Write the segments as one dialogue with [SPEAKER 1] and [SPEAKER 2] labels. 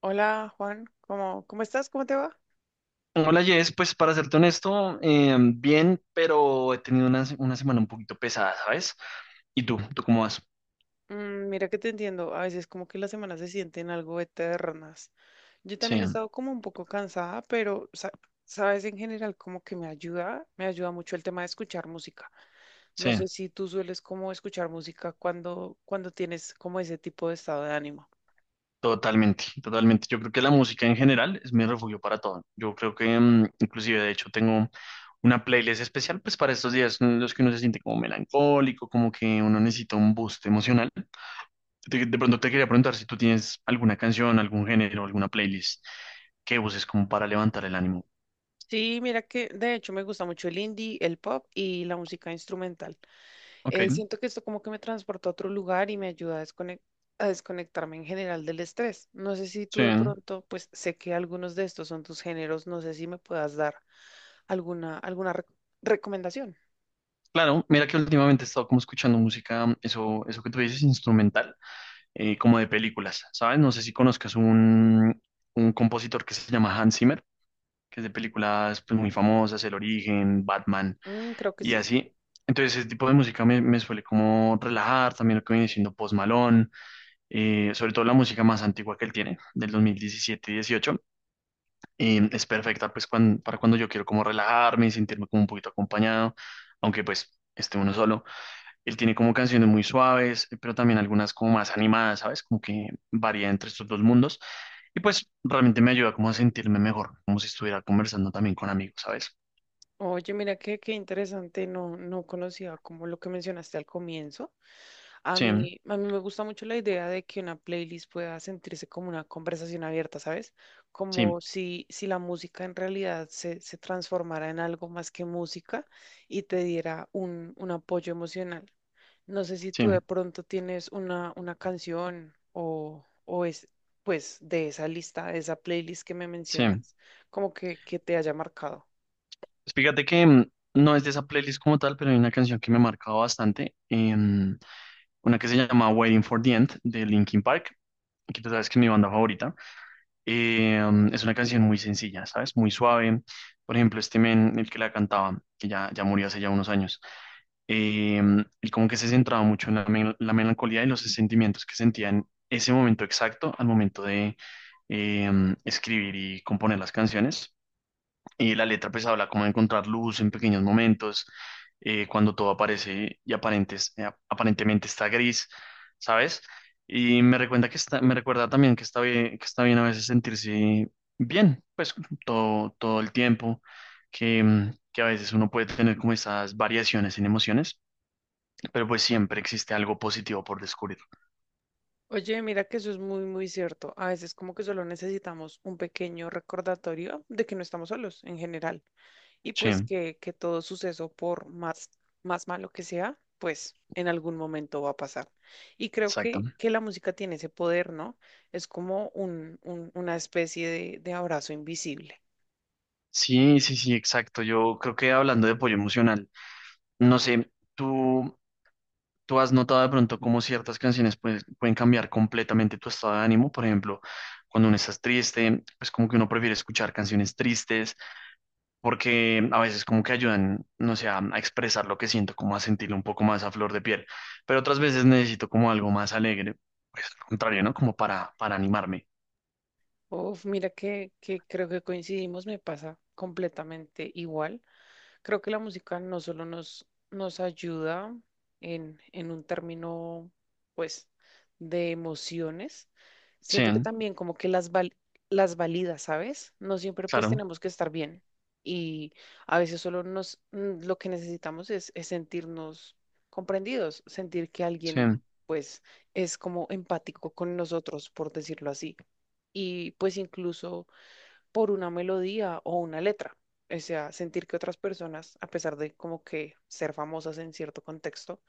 [SPEAKER 1] Hola Juan, ¿cómo estás? ¿Cómo te va?
[SPEAKER 2] Hola Jess, pues para serte honesto, bien, pero he tenido una semana un poquito pesada, ¿sabes? ¿Y tú? ¿Tú cómo vas?
[SPEAKER 1] Mm, mira que te entiendo, a veces como que las semanas se sienten algo eternas. Yo
[SPEAKER 2] Sí,
[SPEAKER 1] también he estado como un poco cansada, pero sabes, en general como que me ayuda mucho el tema de escuchar música. No sé
[SPEAKER 2] sí,
[SPEAKER 1] si tú sueles como escuchar música cuando tienes como ese tipo de estado de ánimo.
[SPEAKER 2] totalmente, totalmente. Yo creo que la música en general es mi refugio para todo. Yo creo que inclusive de hecho tengo una playlist especial pues para estos días en los que uno se siente como melancólico, como que uno necesita un boost emocional. De pronto te quería preguntar si tú tienes alguna canción, algún género, alguna playlist que uses como para levantar el ánimo.
[SPEAKER 1] Sí, mira que de hecho me gusta mucho el indie, el pop y la música instrumental.
[SPEAKER 2] Ok,
[SPEAKER 1] Siento que esto como que me transporta a otro lugar y me ayuda a a desconectarme en general del estrés. No sé si tú
[SPEAKER 2] sí.
[SPEAKER 1] de pronto, pues sé que algunos de estos son tus géneros, no sé si me puedas dar alguna recomendación.
[SPEAKER 2] Claro, mira que últimamente he estado como escuchando música, eso, eso que tú dices, instrumental, como de películas, ¿sabes? No sé si conozcas un compositor que se llama Hans Zimmer, que es de películas pues, muy
[SPEAKER 1] Mm,
[SPEAKER 2] famosas, El Origen, Batman
[SPEAKER 1] mm, creo que
[SPEAKER 2] y
[SPEAKER 1] sí.
[SPEAKER 2] así. Entonces ese tipo de música me suele como relajar, también lo que viene siendo Post Malone, sobre todo la música más antigua que él tiene, del 2017-18, es perfecta pues para cuando yo quiero como relajarme y sentirme como un poquito acompañado, aunque pues esté uno solo. Él tiene como canciones muy suaves, pero también algunas como más animadas, ¿sabes? Como que varía entre estos dos mundos. Y pues realmente me ayuda como a sentirme mejor, como si estuviera conversando también con amigos, ¿sabes?
[SPEAKER 1] Oye, mira qué interesante, no conocía como lo que mencionaste al comienzo. A
[SPEAKER 2] Sí,
[SPEAKER 1] mí, a mí me gusta mucho la idea de que una playlist pueda sentirse como una conversación abierta, ¿sabes?
[SPEAKER 2] sí,
[SPEAKER 1] Como si la música en realidad se transformara en algo más que música y te diera un apoyo emocional. No sé si tú de
[SPEAKER 2] sí,
[SPEAKER 1] pronto tienes una canción o es, pues, de esa lista, de esa playlist que me
[SPEAKER 2] sí.
[SPEAKER 1] mencionas, como que te haya marcado.
[SPEAKER 2] Pues fíjate que no es de esa playlist como tal, pero hay una canción que me ha marcado bastante, una que se llama Waiting for the End de Linkin Park, que tú sabes que es mi banda favorita. Es una canción muy sencilla, ¿sabes? Muy suave. Por ejemplo, este men, el que la cantaba, que ya murió hace ya unos años, él como que se centraba mucho en la melancolía y los sentimientos que sentía en ese momento exacto al momento de escribir y componer las canciones. Y la letra pues habla como de encontrar luz en pequeños momentos, cuando todo aparece y aparentemente está gris, ¿sabes? Y me recuerda que está, me recuerda también que está bien a veces sentirse bien, pues todo el tiempo, que, que a veces uno puede tener como esas variaciones en emociones, pero pues siempre existe algo positivo por descubrir.
[SPEAKER 1] Oye, mira que eso es muy cierto. A veces como que solo necesitamos un pequeño recordatorio de que no estamos solos en general y
[SPEAKER 2] Sí,
[SPEAKER 1] pues que todo suceso, por más, más malo que sea, pues en algún momento va a pasar. Y creo
[SPEAKER 2] exacto.
[SPEAKER 1] que la música tiene ese poder, ¿no? Es como un, una especie de abrazo invisible.
[SPEAKER 2] Sí, sí, sí, exacto. Yo creo que hablando de apoyo emocional, no sé, tú... ¿Tú has notado de pronto cómo ciertas canciones pueden cambiar completamente tu estado de ánimo? Por ejemplo, cuando uno estás triste, pues como que uno prefiere escuchar canciones tristes porque a veces como que ayudan, no sé, a expresar lo que siento, como a sentirlo un poco más a flor de piel. Pero otras veces necesito como algo más alegre, pues al contrario, ¿no? Como para animarme.
[SPEAKER 1] Uf, mira que creo que coincidimos, me pasa completamente igual. Creo que la música no solo nos, nos ayuda en un término, pues, de emociones,
[SPEAKER 2] Sí,
[SPEAKER 1] siento que también como que las las valida, ¿sabes? No siempre pues
[SPEAKER 2] claro.
[SPEAKER 1] tenemos que estar bien y a veces solo nos, lo que necesitamos es sentirnos comprendidos, sentir que
[SPEAKER 2] Sí,
[SPEAKER 1] alguien pues es como empático con nosotros, por decirlo así. Y pues incluso por una melodía o una letra. O sea, sentir que otras personas, a pesar de como que ser famosas en cierto contexto,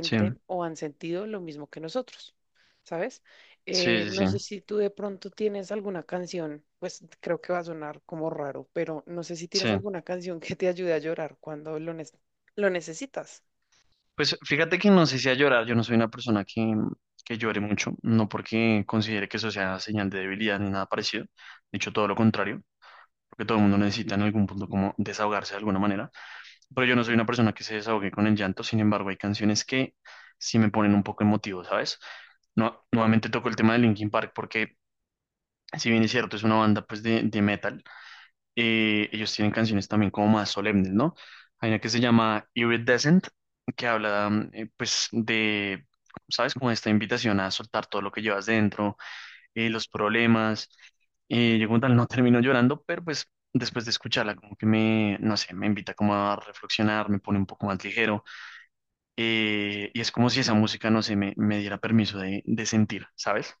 [SPEAKER 2] sí,
[SPEAKER 1] o han sentido lo mismo que nosotros, ¿sabes?
[SPEAKER 2] sí, sí,
[SPEAKER 1] No sé
[SPEAKER 2] sí.
[SPEAKER 1] si tú de pronto tienes alguna canción, pues creo que va a sonar como raro, pero no sé si
[SPEAKER 2] Sí.
[SPEAKER 1] tienes alguna canción que te ayude a llorar cuando lo necesitas.
[SPEAKER 2] Pues fíjate que no sé si a llorar, yo no soy una persona que llore mucho, no porque considere que eso sea señal de debilidad ni nada parecido, de hecho todo lo contrario, porque todo el mundo necesita en algún punto como desahogarse de alguna manera, pero yo no soy una persona que se desahogue con el llanto, sin embargo hay canciones que sí me ponen un poco emotivo, ¿sabes? No, nuevamente toco el tema de Linkin Park porque si bien es cierto es una banda pues de metal, ellos tienen canciones también como más solemnes, ¿no? Hay una que se llama Iridescent, que habla, pues, de, ¿sabes? Como esta invitación a soltar todo lo que llevas dentro, los problemas. Yo como tal no termino llorando, pero pues después de escucharla como que no sé, me invita como a reflexionar, me pone un poco más ligero. Eh, y es como si esa música, no sé, me diera permiso de sentir, ¿sabes?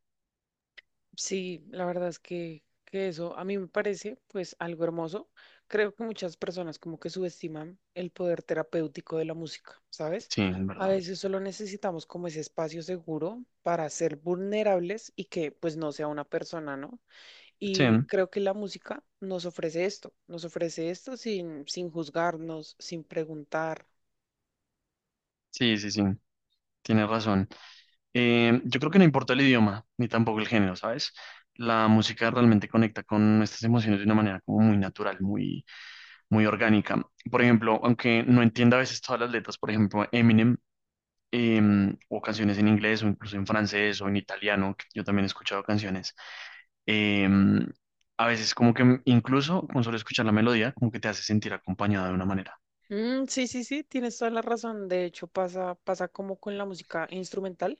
[SPEAKER 1] Sí, la verdad es que eso a mí me parece pues algo hermoso. Creo que muchas personas como que subestiman el poder terapéutico de la música, ¿sabes?
[SPEAKER 2] Sí, en
[SPEAKER 1] A
[SPEAKER 2] verdad.
[SPEAKER 1] veces solo necesitamos como ese espacio seguro para ser vulnerables y que pues no sea una persona, ¿no?
[SPEAKER 2] Sí,
[SPEAKER 1] Y creo que la música nos ofrece esto sin juzgarnos, sin preguntar.
[SPEAKER 2] sí, sí, sí, tienes razón. Yo creo que no importa el idioma, ni tampoco el género, ¿sabes? La música realmente conecta con nuestras emociones de una manera como muy natural, muy, muy orgánica. Por ejemplo, aunque no entienda a veces todas las letras, por ejemplo, Eminem, eh, o canciones en inglés, o incluso en francés, o en italiano, que yo también he escuchado canciones, eh, a veces como que incluso con solo escuchar la melodía, como que te hace sentir acompañado de una manera.
[SPEAKER 1] Mm, sí, sí, sí, tienes toda la razón. De hecho, pasa, pasa como con la música instrumental.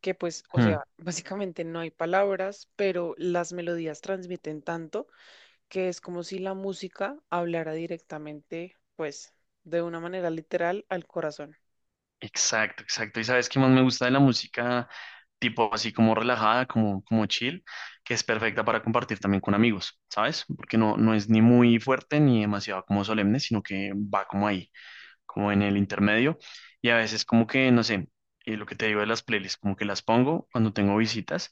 [SPEAKER 1] Que pues, o
[SPEAKER 2] Hmm.
[SPEAKER 1] sea, básicamente no hay palabras, pero las melodías transmiten tanto que es como si la música hablara directamente, pues, de una manera literal al corazón.
[SPEAKER 2] Exacto, exacto. Y sabes qué más me gusta de la música, tipo así como relajada, como, como chill, que es perfecta para compartir también con amigos, ¿sabes? Porque no, no es ni muy fuerte ni demasiado como solemne, sino que va como ahí, como en el intermedio. Y a veces como que, no sé, lo que te digo de las playlists, como que las pongo cuando tengo visitas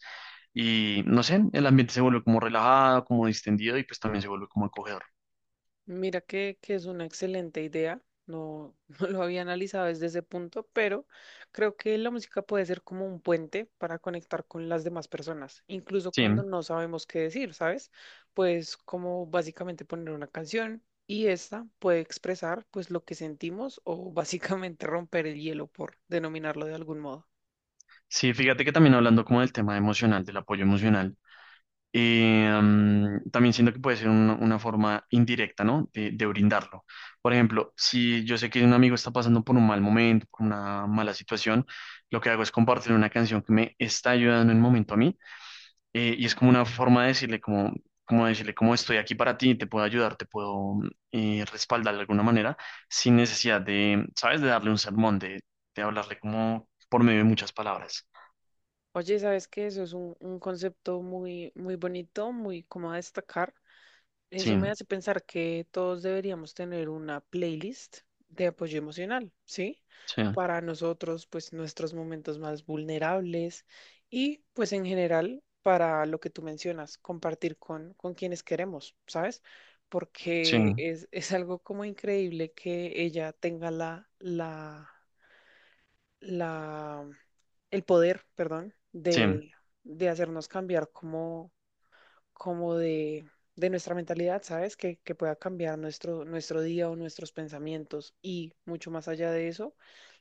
[SPEAKER 2] y, no sé, el ambiente se vuelve como relajado, como distendido y pues también se vuelve como acogedor.
[SPEAKER 1] Mira que es una excelente idea. No, no lo había analizado desde ese punto, pero creo que la música puede ser como un puente para conectar con las demás personas, incluso
[SPEAKER 2] Sí,
[SPEAKER 1] cuando no sabemos qué decir, ¿sabes? Pues como básicamente poner una canción y esta puede expresar pues lo que sentimos o básicamente romper el hielo por denominarlo de algún modo.
[SPEAKER 2] sí, fíjate que también hablando como del tema emocional, del apoyo emocional. También siento que puede ser una forma indirecta, ¿no? De brindarlo. Por ejemplo, si yo sé que un amigo está pasando por un mal momento, por una mala situación, lo que hago es compartir una canción que me está ayudando en un momento a mí, y es como una forma de decirle como, como decirle como estoy aquí para ti, te puedo ayudar, te puedo respaldar de alguna manera, sin necesidad de, ¿sabes? De darle un sermón, de hablarle como por medio de muchas palabras.
[SPEAKER 1] Oye, ¿sabes qué? Eso es un concepto muy bonito, muy como a destacar.
[SPEAKER 2] Sí,
[SPEAKER 1] Eso me hace pensar que todos deberíamos tener una playlist de apoyo emocional, ¿sí?
[SPEAKER 2] sí,
[SPEAKER 1] Para nosotros, pues nuestros momentos más vulnerables y pues en general para lo que tú mencionas, compartir con quienes queremos, ¿sabes?
[SPEAKER 2] sí,
[SPEAKER 1] Porque es algo como increíble que ella tenga la el poder, perdón,
[SPEAKER 2] sí.
[SPEAKER 1] de hacernos cambiar como como de nuestra mentalidad, ¿sabes? Que pueda cambiar nuestro, nuestro día o nuestros pensamientos y mucho más allá de eso,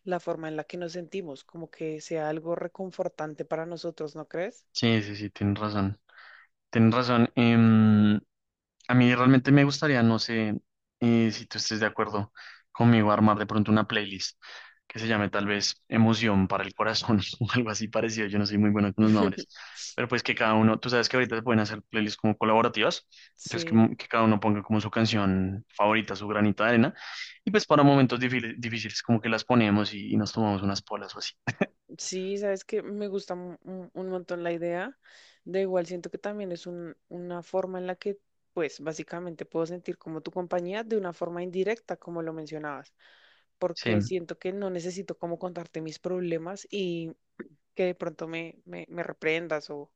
[SPEAKER 1] la forma en la que nos sentimos, como que sea algo reconfortante para nosotros, ¿no crees?
[SPEAKER 2] Sí, sí, sí, tienes razón. Tienes razón. A mí realmente me gustaría, no sé si tú estés de acuerdo conmigo, armar de pronto una playlist que se llame tal vez Emoción para el Corazón o algo así parecido. Yo no soy muy bueno con los nombres, pero pues que cada uno, tú sabes que ahorita se pueden hacer playlists como colaborativas, entonces
[SPEAKER 1] Sí,
[SPEAKER 2] que cada uno ponga como su canción favorita, su granito de arena, y pues para momentos difíciles, difíciles como que las ponemos y nos tomamos unas polas o así.
[SPEAKER 1] sí, sabes que me gusta un montón la idea. De igual, siento que también es una forma en la que, pues, básicamente puedo sentir como tu compañía de una forma indirecta, como lo mencionabas,
[SPEAKER 2] Sí,
[SPEAKER 1] porque siento que no necesito como contarte mis problemas que de pronto me reprendas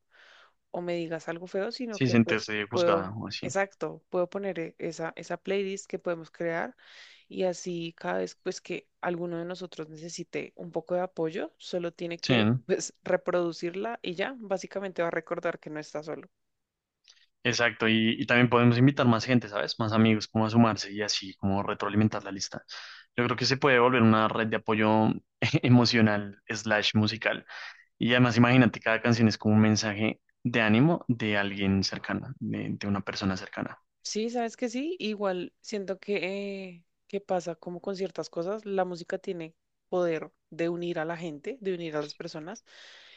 [SPEAKER 1] o me digas algo feo, sino
[SPEAKER 2] sí,
[SPEAKER 1] que pues
[SPEAKER 2] sentirse
[SPEAKER 1] puedo,
[SPEAKER 2] juzgada o así.
[SPEAKER 1] exacto, puedo poner esa, esa playlist que podemos crear y así cada vez pues que alguno de nosotros necesite un poco de apoyo, solo tiene
[SPEAKER 2] Sí,
[SPEAKER 1] que
[SPEAKER 2] ¿no?
[SPEAKER 1] pues reproducirla y ya, básicamente va a recordar que no está solo.
[SPEAKER 2] Exacto, y también podemos invitar más gente, ¿sabes? Más amigos, como a sumarse y así, como retroalimentar la lista. Yo creo que se puede volver una red de apoyo emocional slash musical. Y además, imagínate, cada canción es como un mensaje de ánimo de alguien cercano, de una persona cercana.
[SPEAKER 1] Sí, sabes que sí, igual siento que pasa como con ciertas cosas, la música tiene poder de unir a la gente, de unir a las personas,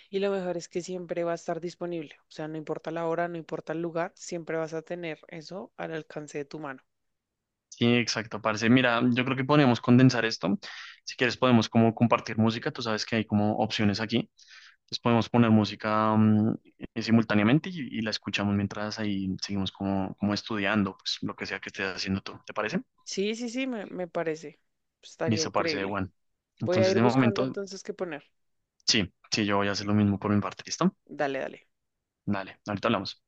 [SPEAKER 1] y lo mejor es que siempre va a estar disponible, o sea, no importa la hora, no importa el lugar, siempre vas a tener eso al alcance de tu mano.
[SPEAKER 2] Sí, exacto, parce. Mira, yo creo que podríamos condensar esto. Si quieres, podemos como compartir música. Tú sabes que hay como opciones aquí. Entonces podemos poner música simultáneamente y la escuchamos mientras ahí seguimos como, como estudiando, pues lo que sea que estés haciendo tú. ¿Te parece?
[SPEAKER 1] Sí, sí, sí, me parece, estaría
[SPEAKER 2] Listo, parece,
[SPEAKER 1] increíble.
[SPEAKER 2] Juan.
[SPEAKER 1] Voy a
[SPEAKER 2] Entonces,
[SPEAKER 1] ir
[SPEAKER 2] de
[SPEAKER 1] buscando
[SPEAKER 2] momento,
[SPEAKER 1] entonces qué poner.
[SPEAKER 2] sí, sí, yo voy a hacer lo mismo por mi parte. ¿Listo?
[SPEAKER 1] Dale, dale.
[SPEAKER 2] Dale, ahorita hablamos.